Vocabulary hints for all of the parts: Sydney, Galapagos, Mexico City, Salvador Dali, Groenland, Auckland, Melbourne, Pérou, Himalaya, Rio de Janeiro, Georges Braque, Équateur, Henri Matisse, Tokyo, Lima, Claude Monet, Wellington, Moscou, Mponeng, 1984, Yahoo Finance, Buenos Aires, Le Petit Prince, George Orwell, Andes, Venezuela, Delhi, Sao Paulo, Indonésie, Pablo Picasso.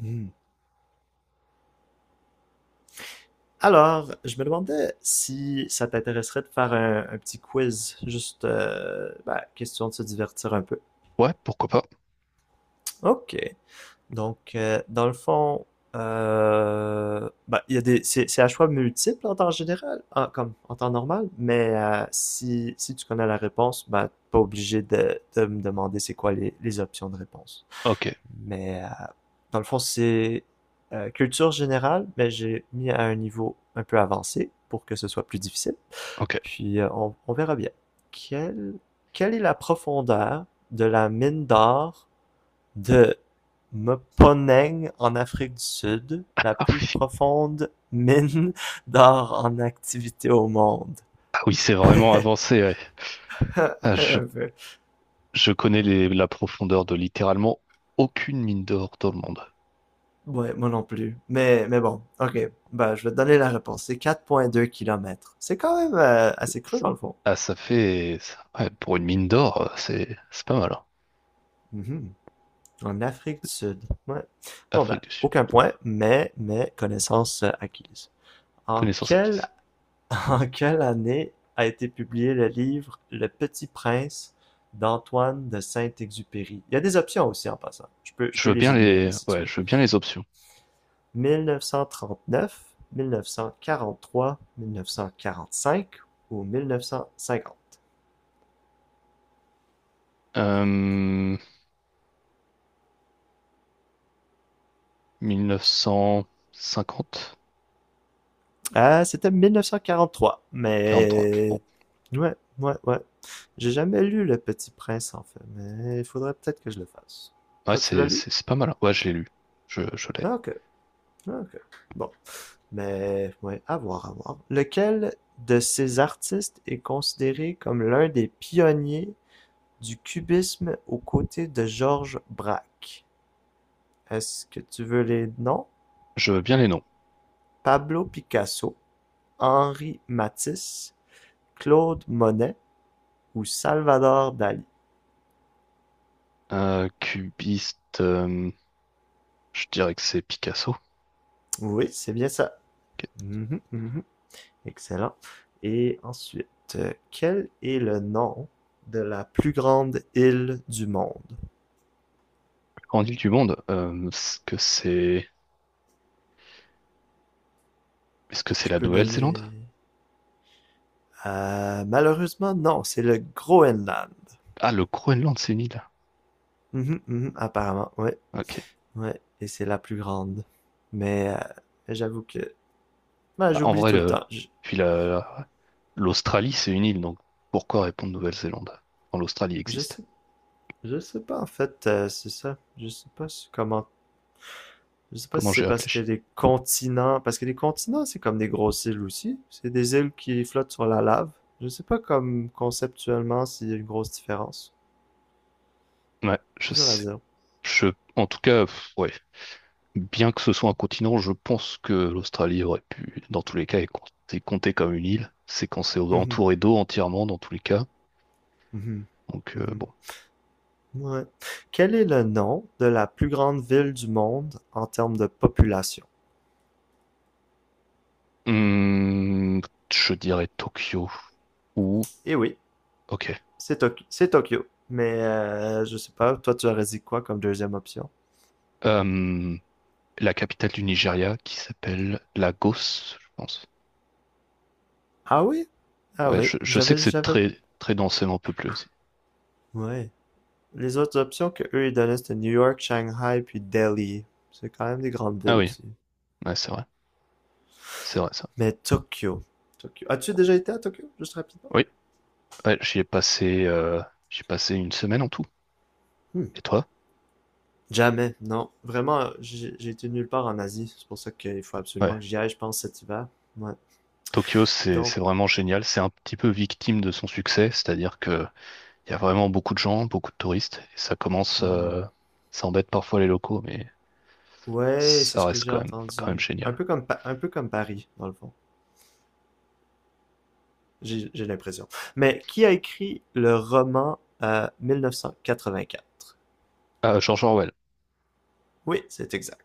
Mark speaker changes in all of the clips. Speaker 1: Hmm. Alors, je me demandais si ça t'intéresserait de faire un petit quiz, juste question de se divertir un peu.
Speaker 2: Ouais, pourquoi pas.
Speaker 1: Ok. Donc, dans le fond, il y a c'est à choix multiple en temps général, comme en temps normal, mais si tu connais la réponse, t'es pas obligé de me demander c'est quoi les options de réponse.
Speaker 2: Ok,
Speaker 1: Mais dans le fond, c'est culture générale, mais j'ai mis à un niveau un peu avancé pour que ce soit plus difficile.
Speaker 2: ok.
Speaker 1: Puis on verra bien. Quelle, quelle est la profondeur de la mine d'or de Mponeng en Afrique du Sud, la plus profonde mine d'or en activité au monde?
Speaker 2: Ah oui, c'est vraiment avancé, ouais. Ah, je connais la profondeur de littéralement aucune mine d'or dans le monde.
Speaker 1: Ouais, moi non plus. Mais bon, ok. Bah, je vais te donner la réponse. C'est 4,2 kilomètres. C'est quand même assez creux, dans le fond.
Speaker 2: Ah, ça fait... ouais, pour une mine d'or, c'est pas mal, hein.
Speaker 1: Mhm. En Afrique du Sud. Ouais. Bon, ben,
Speaker 2: Afrique du Sud,
Speaker 1: aucun point, mais connaissance acquise. En
Speaker 2: connaissance
Speaker 1: quelle,
Speaker 2: acquise.
Speaker 1: en quelle année a été publié le livre Le Petit Prince d'Antoine de Saint-Exupéry? Il y a des options aussi en passant. Je peux
Speaker 2: Je veux
Speaker 1: les
Speaker 2: bien
Speaker 1: énumérer
Speaker 2: les...
Speaker 1: si tu
Speaker 2: Ouais,
Speaker 1: veux.
Speaker 2: je veux bien les options.
Speaker 1: 1939, 1943, 1945 ou 1950.
Speaker 2: Euh, 1950,
Speaker 1: Ah, c'était 1943,
Speaker 2: 43. Bon,
Speaker 1: mais... Ouais, ouais, ouais. J'ai jamais lu Le Petit Prince, en fait, mais il faudrait peut-être que je le fasse.
Speaker 2: ouais,
Speaker 1: Toi, tu l'as lu?
Speaker 2: c'est pas mal, hein. Ouais, je l'ai lu. Je l'ai.
Speaker 1: Ah, ok, ah, ok. Bon, mais... Ouais, à voir, à voir. Lequel de ces artistes est considéré comme l'un des pionniers du cubisme aux côtés de Georges Braque? Est-ce que tu veux les noms?
Speaker 2: Je veux bien les noms.
Speaker 1: Pablo Picasso, Henri Matisse, Claude Monet ou Salvador Dali?
Speaker 2: Cubiste, je dirais que c'est Picasso,
Speaker 1: Oui, c'est bien ça.
Speaker 2: qui est la
Speaker 1: Mhm, mhm. Excellent. Et ensuite, quel est le nom de la plus grande île du monde?
Speaker 2: plus grande île du monde. Est-ce que c'est
Speaker 1: Je
Speaker 2: la
Speaker 1: peux
Speaker 2: Nouvelle-Zélande?
Speaker 1: donner... malheureusement, non, c'est le Groenland.
Speaker 2: Ah, le Groenland, c'est une île.
Speaker 1: Mhm, mhm, apparemment, ouais,
Speaker 2: Ok.
Speaker 1: ouais. Et c'est la plus grande. Mais j'avoue que... ben,
Speaker 2: Bah, en
Speaker 1: j'oublie
Speaker 2: vrai,
Speaker 1: tout le temps.
Speaker 2: puis l'Australie, c'est une île, donc pourquoi répondre Nouvelle-Zélande quand l'Australie
Speaker 1: Je
Speaker 2: existe?
Speaker 1: sais. Je sais pas en fait, c'est ça. Je sais pas comment. Je sais pas
Speaker 2: Comment
Speaker 1: si c'est
Speaker 2: j'ai
Speaker 1: parce que
Speaker 2: réfléchi?
Speaker 1: les continents, parce que les continents c'est comme des grosses îles aussi. C'est des îles qui flottent sur la lave. Je sais pas comme conceptuellement s'il y a une grosse différence.
Speaker 2: Ouais,
Speaker 1: C'est
Speaker 2: je
Speaker 1: dur à
Speaker 2: sais.
Speaker 1: dire.
Speaker 2: Je, en tout cas, pff, ouais. Bien que ce soit un continent, je pense que l'Australie aurait pu, dans tous les cas, être comptée comme une île. C'est quand c'est
Speaker 1: Mhm,
Speaker 2: entouré d'eau entièrement, dans tous les cas.
Speaker 1: mhm,
Speaker 2: Donc, bon.
Speaker 1: mhm. Ouais. Quel est le nom de la plus grande ville du monde en termes de population?
Speaker 2: Hum, je dirais Tokyo ou...
Speaker 1: Eh oui,
Speaker 2: Ok.
Speaker 1: c'est Tokyo. Mais je sais pas, toi tu aurais dit quoi comme deuxième option?
Speaker 2: Hum, la capitale du Nigeria qui s'appelle Lagos, je pense.
Speaker 1: Ah oui? Ah
Speaker 2: Ouais,
Speaker 1: oui,
Speaker 2: je sais que c'est
Speaker 1: j'avais.
Speaker 2: très, très densément peuplé aussi.
Speaker 1: Ouais. Les autres options que eux ils donnaient c'était New York, Shanghai puis Delhi. C'est quand même des grandes
Speaker 2: Ah
Speaker 1: villes
Speaker 2: oui,
Speaker 1: aussi.
Speaker 2: ouais, c'est vrai. C'est vrai, ça.
Speaker 1: Mais Tokyo. Tokyo. As-tu déjà été à Tokyo? Juste rapidement.
Speaker 2: Oui, ouais, j'y ai passé une semaine en tout.
Speaker 1: Hmm.
Speaker 2: Et toi?
Speaker 1: Jamais, non. Vraiment, j'ai été nulle part en Asie. C'est pour ça qu'il faut
Speaker 2: Ouais.
Speaker 1: absolument que j'y aille, je pense, cet hiver. Ouais.
Speaker 2: Tokyo, c'est
Speaker 1: Donc,
Speaker 2: vraiment génial. C'est un petit peu victime de son succès, c'est-à-dire que il y a vraiment beaucoup de gens, beaucoup de touristes, et ça commence,
Speaker 1: hmm,
Speaker 2: ça embête parfois les locaux, mais
Speaker 1: ouais, c'est
Speaker 2: ça
Speaker 1: ce que
Speaker 2: reste
Speaker 1: j'ai
Speaker 2: quand même
Speaker 1: entendu.
Speaker 2: génial.
Speaker 1: Un peu comme Paris, dans le fond. J'ai l'impression. Mais qui a écrit le roman 1984?
Speaker 2: Ah, George Orwell,
Speaker 1: Oui, c'est exact.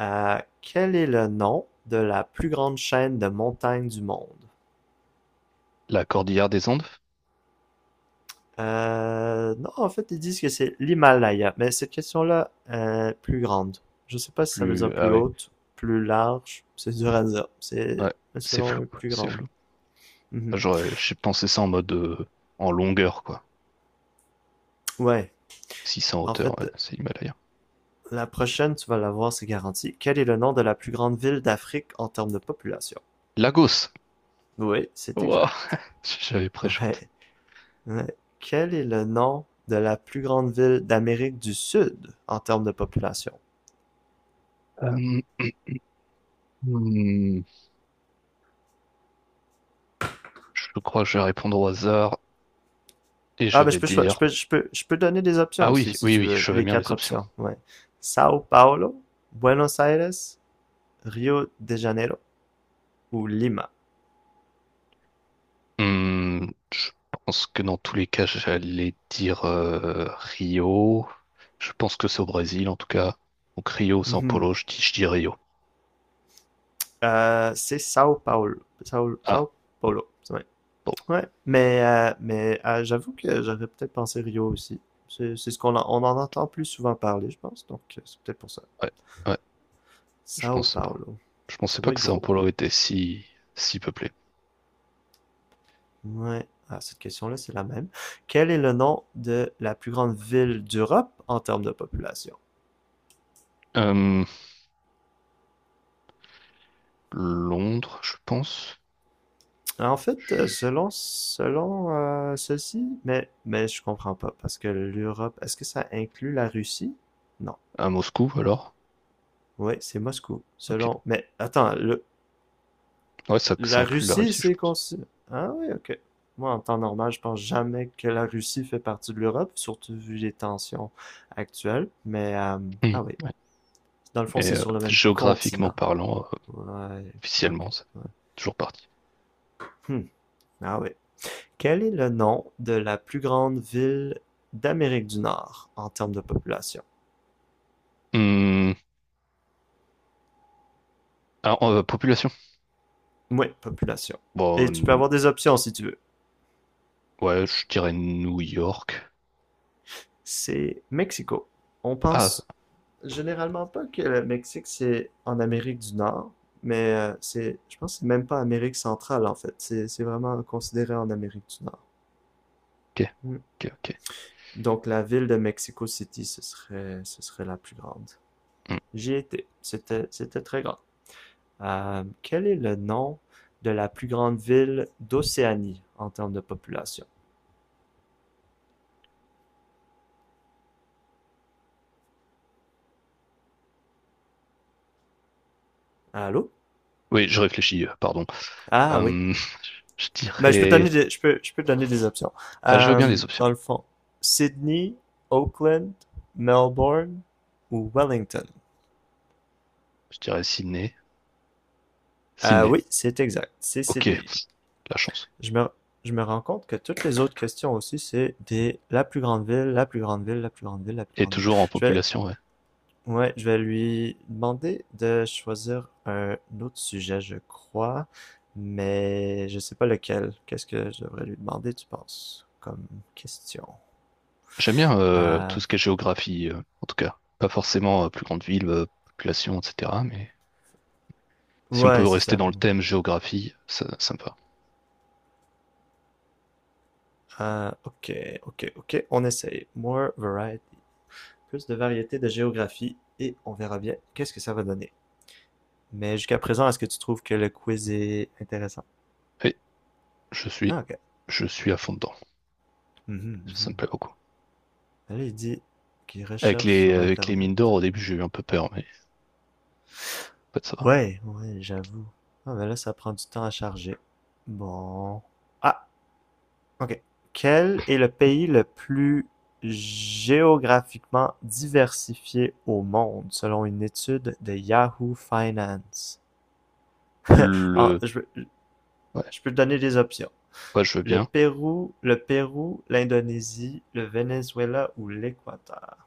Speaker 1: Quel est le nom de la plus grande chaîne de montagnes du monde?
Speaker 2: La Cordillère des Andes,
Speaker 1: Non, en fait, ils disent que c'est l'Himalaya, mais cette question-là, plus grande. Je sais pas si ça veut
Speaker 2: plus
Speaker 1: dire
Speaker 2: ah
Speaker 1: plus
Speaker 2: ouais,
Speaker 1: haute, plus large, c'est dur à dire. C'est
Speaker 2: ouais, c'est flou,
Speaker 1: selon plus
Speaker 2: c'est
Speaker 1: grande.
Speaker 2: flou.
Speaker 1: Mhm.
Speaker 2: J'ai pensé ça en mode en longueur quoi,
Speaker 1: Ouais,
Speaker 2: 600
Speaker 1: en
Speaker 2: hauteur,
Speaker 1: fait,
Speaker 2: ouais, c'est l'Himalaya.
Speaker 1: la prochaine, tu vas la voir, c'est garanti. Quel est le nom de la plus grande ville d'Afrique en termes de population?
Speaker 2: Lagos,
Speaker 1: Oui, c'est
Speaker 2: wow,
Speaker 1: exact.
Speaker 2: j'avais préchaud.
Speaker 1: Ouais. Euh, quel est le nom de la plus grande ville d'Amérique du Sud en termes de population?
Speaker 2: Euh, hmm, je crois que je vais répondre au hasard et je
Speaker 1: Ah, ben je
Speaker 2: vais
Speaker 1: peux, choi- je
Speaker 2: dire...
Speaker 1: peux, je peux, je peux donner des options
Speaker 2: Ah oui,
Speaker 1: aussi, si
Speaker 2: oui,
Speaker 1: tu
Speaker 2: oui,
Speaker 1: veux.
Speaker 2: je veux
Speaker 1: Les
Speaker 2: bien les
Speaker 1: quatre
Speaker 2: options.
Speaker 1: options, ouais. Sao Paulo, Buenos Aires, Rio de Janeiro ou Lima.
Speaker 2: Hmm, je pense que dans tous les cas, j'allais dire Rio. Je pense que c'est au Brésil, en tout cas. Donc Rio, São
Speaker 1: Mhm.
Speaker 2: Paulo, je dis Rio.
Speaker 1: C'est Sao Paulo.
Speaker 2: Ah,
Speaker 1: Sao Paulo, c'est vrai.
Speaker 2: bon,
Speaker 1: Ouais, mais j'avoue que j'aurais peut-être pensé Rio aussi. C'est ce qu'on en, on en entend plus souvent parler, je pense, donc c'est peut-être pour ça.
Speaker 2: ouais, ouais, je
Speaker 1: Sao
Speaker 2: pensais pas.
Speaker 1: Paulo,
Speaker 2: Je pensais
Speaker 1: ça
Speaker 2: pas
Speaker 1: doit
Speaker 2: que
Speaker 1: être
Speaker 2: São
Speaker 1: gros.
Speaker 2: Paulo était si peuplé.
Speaker 1: Ouais. Ah, cette question-là, c'est la même. Quel est le nom de la plus grande ville d'Europe en termes de population?
Speaker 2: Euh, Londres, je pense.
Speaker 1: En fait, selon ceci, mais je comprends pas parce que l'Europe, est-ce que ça inclut la Russie? Non.
Speaker 2: À Moscou, alors.
Speaker 1: Oui, c'est Moscou.
Speaker 2: Ok.
Speaker 1: Selon. Mais attends, le-
Speaker 2: Ouais, ça
Speaker 1: la
Speaker 2: inclut la
Speaker 1: Russie,
Speaker 2: Russie, je
Speaker 1: c'est
Speaker 2: pense.
Speaker 1: consi- Ah oui, ok. Moi, en temps normal, je pense jamais que la Russie fait partie de l'Europe, surtout vu les tensions actuelles. Mais
Speaker 2: Hmm,
Speaker 1: ah oui,
Speaker 2: ouais.
Speaker 1: dans le fond,
Speaker 2: Mais
Speaker 1: c'est sur le même
Speaker 2: géographiquement
Speaker 1: continent.
Speaker 2: parlant,
Speaker 1: Ouais,
Speaker 2: officiellement,
Speaker 1: ok,
Speaker 2: c'est
Speaker 1: ouais.
Speaker 2: toujours parti.
Speaker 1: Hmm. Ah oui. Quel est le nom de la plus grande ville d'Amérique du Nord en termes de population?
Speaker 2: Hmm, alors, population?
Speaker 1: Oui, population.
Speaker 2: Bon,
Speaker 1: Et tu peux avoir des options si tu veux.
Speaker 2: ouais, je dirais New York.
Speaker 1: C'est Mexico. On
Speaker 2: Ah,
Speaker 1: pense généralement pas que le Mexique c'est en Amérique du Nord, mais je pense que c'est même pas Amérique centrale en fait. C'est vraiment considéré en Amérique du Nord.
Speaker 2: ok,
Speaker 1: Hmm.
Speaker 2: ok, ok.
Speaker 1: Donc la ville de Mexico City, ce serait la plus grande.
Speaker 2: Hmm.
Speaker 1: J'y étais. C'était très grand. Quel est le nom de la plus grande ville d'Océanie en termes de population? Allô?
Speaker 2: Oui, je réfléchis, pardon.
Speaker 1: Ah oui.
Speaker 2: Euh, je
Speaker 1: Ben,
Speaker 2: dirais...
Speaker 1: je peux te donner des options.
Speaker 2: Ah, je veux bien les options.
Speaker 1: Dans le fond, Sydney, Auckland, Melbourne ou Wellington?
Speaker 2: Je dirais Sydney.
Speaker 1: Ah
Speaker 2: Sydney,
Speaker 1: oui, c'est exact. C'est
Speaker 2: ok,
Speaker 1: Sydney.
Speaker 2: la chance.
Speaker 1: Je me, je me rends compte que toutes les autres questions aussi, c'est des la plus grande ville, la plus grande ville, la plus grande ville, la plus
Speaker 2: Et
Speaker 1: grande ville.
Speaker 2: toujours en
Speaker 1: Je vais,
Speaker 2: population, ouais.
Speaker 1: Ouais, je vais lui demander de choisir un autre sujet, je crois, mais je sais pas lequel. Qu'est-ce que je devrais lui demander, tu penses, comme question?
Speaker 2: J'aime bien tout
Speaker 1: Euh,
Speaker 2: ce qui est géographie, en tout cas. Pas forcément plus grande ville, population, etc. Mais si on peut
Speaker 1: ouais, c'est
Speaker 2: rester
Speaker 1: ça.
Speaker 2: dans le thème géographie, ça me va.
Speaker 1: Ok, ok, on essaye. More variety. Plus de variété de géographie et on verra bien qu'est-ce que ça va donner. Mais jusqu'à présent, est-ce que tu trouves que le quiz est intéressant?
Speaker 2: Et je suis,
Speaker 1: Ah, ok.
Speaker 2: je suis à fond dedans.
Speaker 1: Mhm,
Speaker 2: Ça me
Speaker 1: mhm.
Speaker 2: plaît beaucoup.
Speaker 1: Là, il dit qu'il recherche sur
Speaker 2: Avec les
Speaker 1: Internet.
Speaker 2: mines d'or, au début, j'ai eu un peu peur, mais en fait, ça va.
Speaker 1: Ouais, ouais, j'avoue. Ah, mais là, ça prend du temps à charger. Bon. Ah, ok. Quel est le pays le plus géographiquement diversifié au monde, selon une étude de Yahoo Finance? Ah,
Speaker 2: Le, ouais,
Speaker 1: je peux te donner des options.
Speaker 2: ouais, je veux bien.
Speaker 1: Le Pérou, l'Indonésie, le Venezuela ou l'Équateur.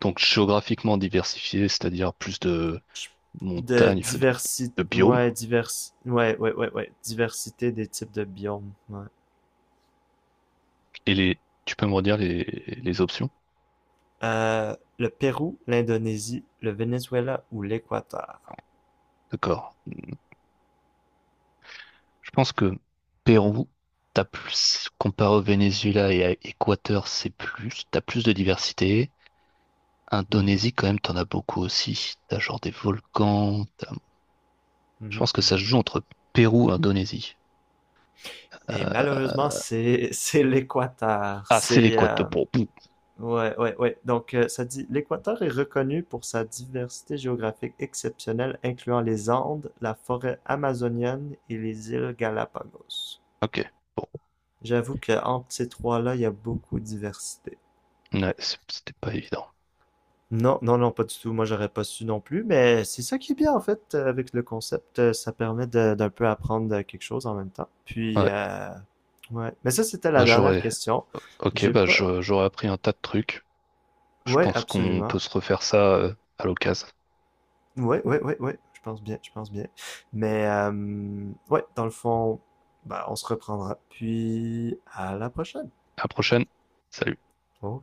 Speaker 2: Donc géographiquement diversifié, c'est-à-dire plus de
Speaker 1: Je- De
Speaker 2: montagnes, enfin,
Speaker 1: diversité,
Speaker 2: de biomes.
Speaker 1: ouais, ouais, ouais, ouais, ouais, diversité des types de biomes, ouais.
Speaker 2: Et les, tu peux me redire les options?
Speaker 1: Le Pérou, l'Indonésie, le Venezuela ou l'Équateur.
Speaker 2: D'accord. Je pense que Pérou, t'as plus, comparé au Venezuela et à Équateur, c'est plus, t'as plus de diversité. Indonésie, quand même, t'en as beaucoup aussi. T'as genre des volcans. Je
Speaker 1: Mhm,
Speaker 2: pense que ça
Speaker 1: mhm.
Speaker 2: se joue entre Pérou et Indonésie.
Speaker 1: Et malheureusement, c'est c'est l'Équateur.
Speaker 2: Ah, c'est
Speaker 1: C'est
Speaker 2: l'Équateur. Bon, pff,
Speaker 1: ouais ouais ouais. Donc ça dit l'Équateur est reconnu pour sa diversité géographique exceptionnelle, incluant les Andes, la forêt amazonienne et les îles Galapagos.
Speaker 2: ok. Bon,
Speaker 1: J'avoue que entre ces trois-là, il y a beaucoup de diversité.
Speaker 2: ouais, c'était pas évident.
Speaker 1: Non, non, non, pas du tout. Moi, j'aurais pas su non plus, mais c'est ça qui est bien en fait avec le concept. Ça permet d'un peu apprendre quelque chose en même temps. Puis,
Speaker 2: Ouais,
Speaker 1: ouais. Mais ça, c'était la
Speaker 2: bah
Speaker 1: dernière
Speaker 2: j'aurais.
Speaker 1: question.
Speaker 2: Ok,
Speaker 1: J'ai pas.
Speaker 2: j'aurais appris un tas de trucs. Je
Speaker 1: Ouais,
Speaker 2: pense qu'on
Speaker 1: absolument.
Speaker 2: peut se refaire ça à l'occasion.
Speaker 1: Ouais, ouais, ouais, ouais. Je pense bien, je pense bien. Mais, ouais, dans le fond, bah, on se reprendra. Puis, à la prochaine.
Speaker 2: À la prochaine. Salut.
Speaker 1: Au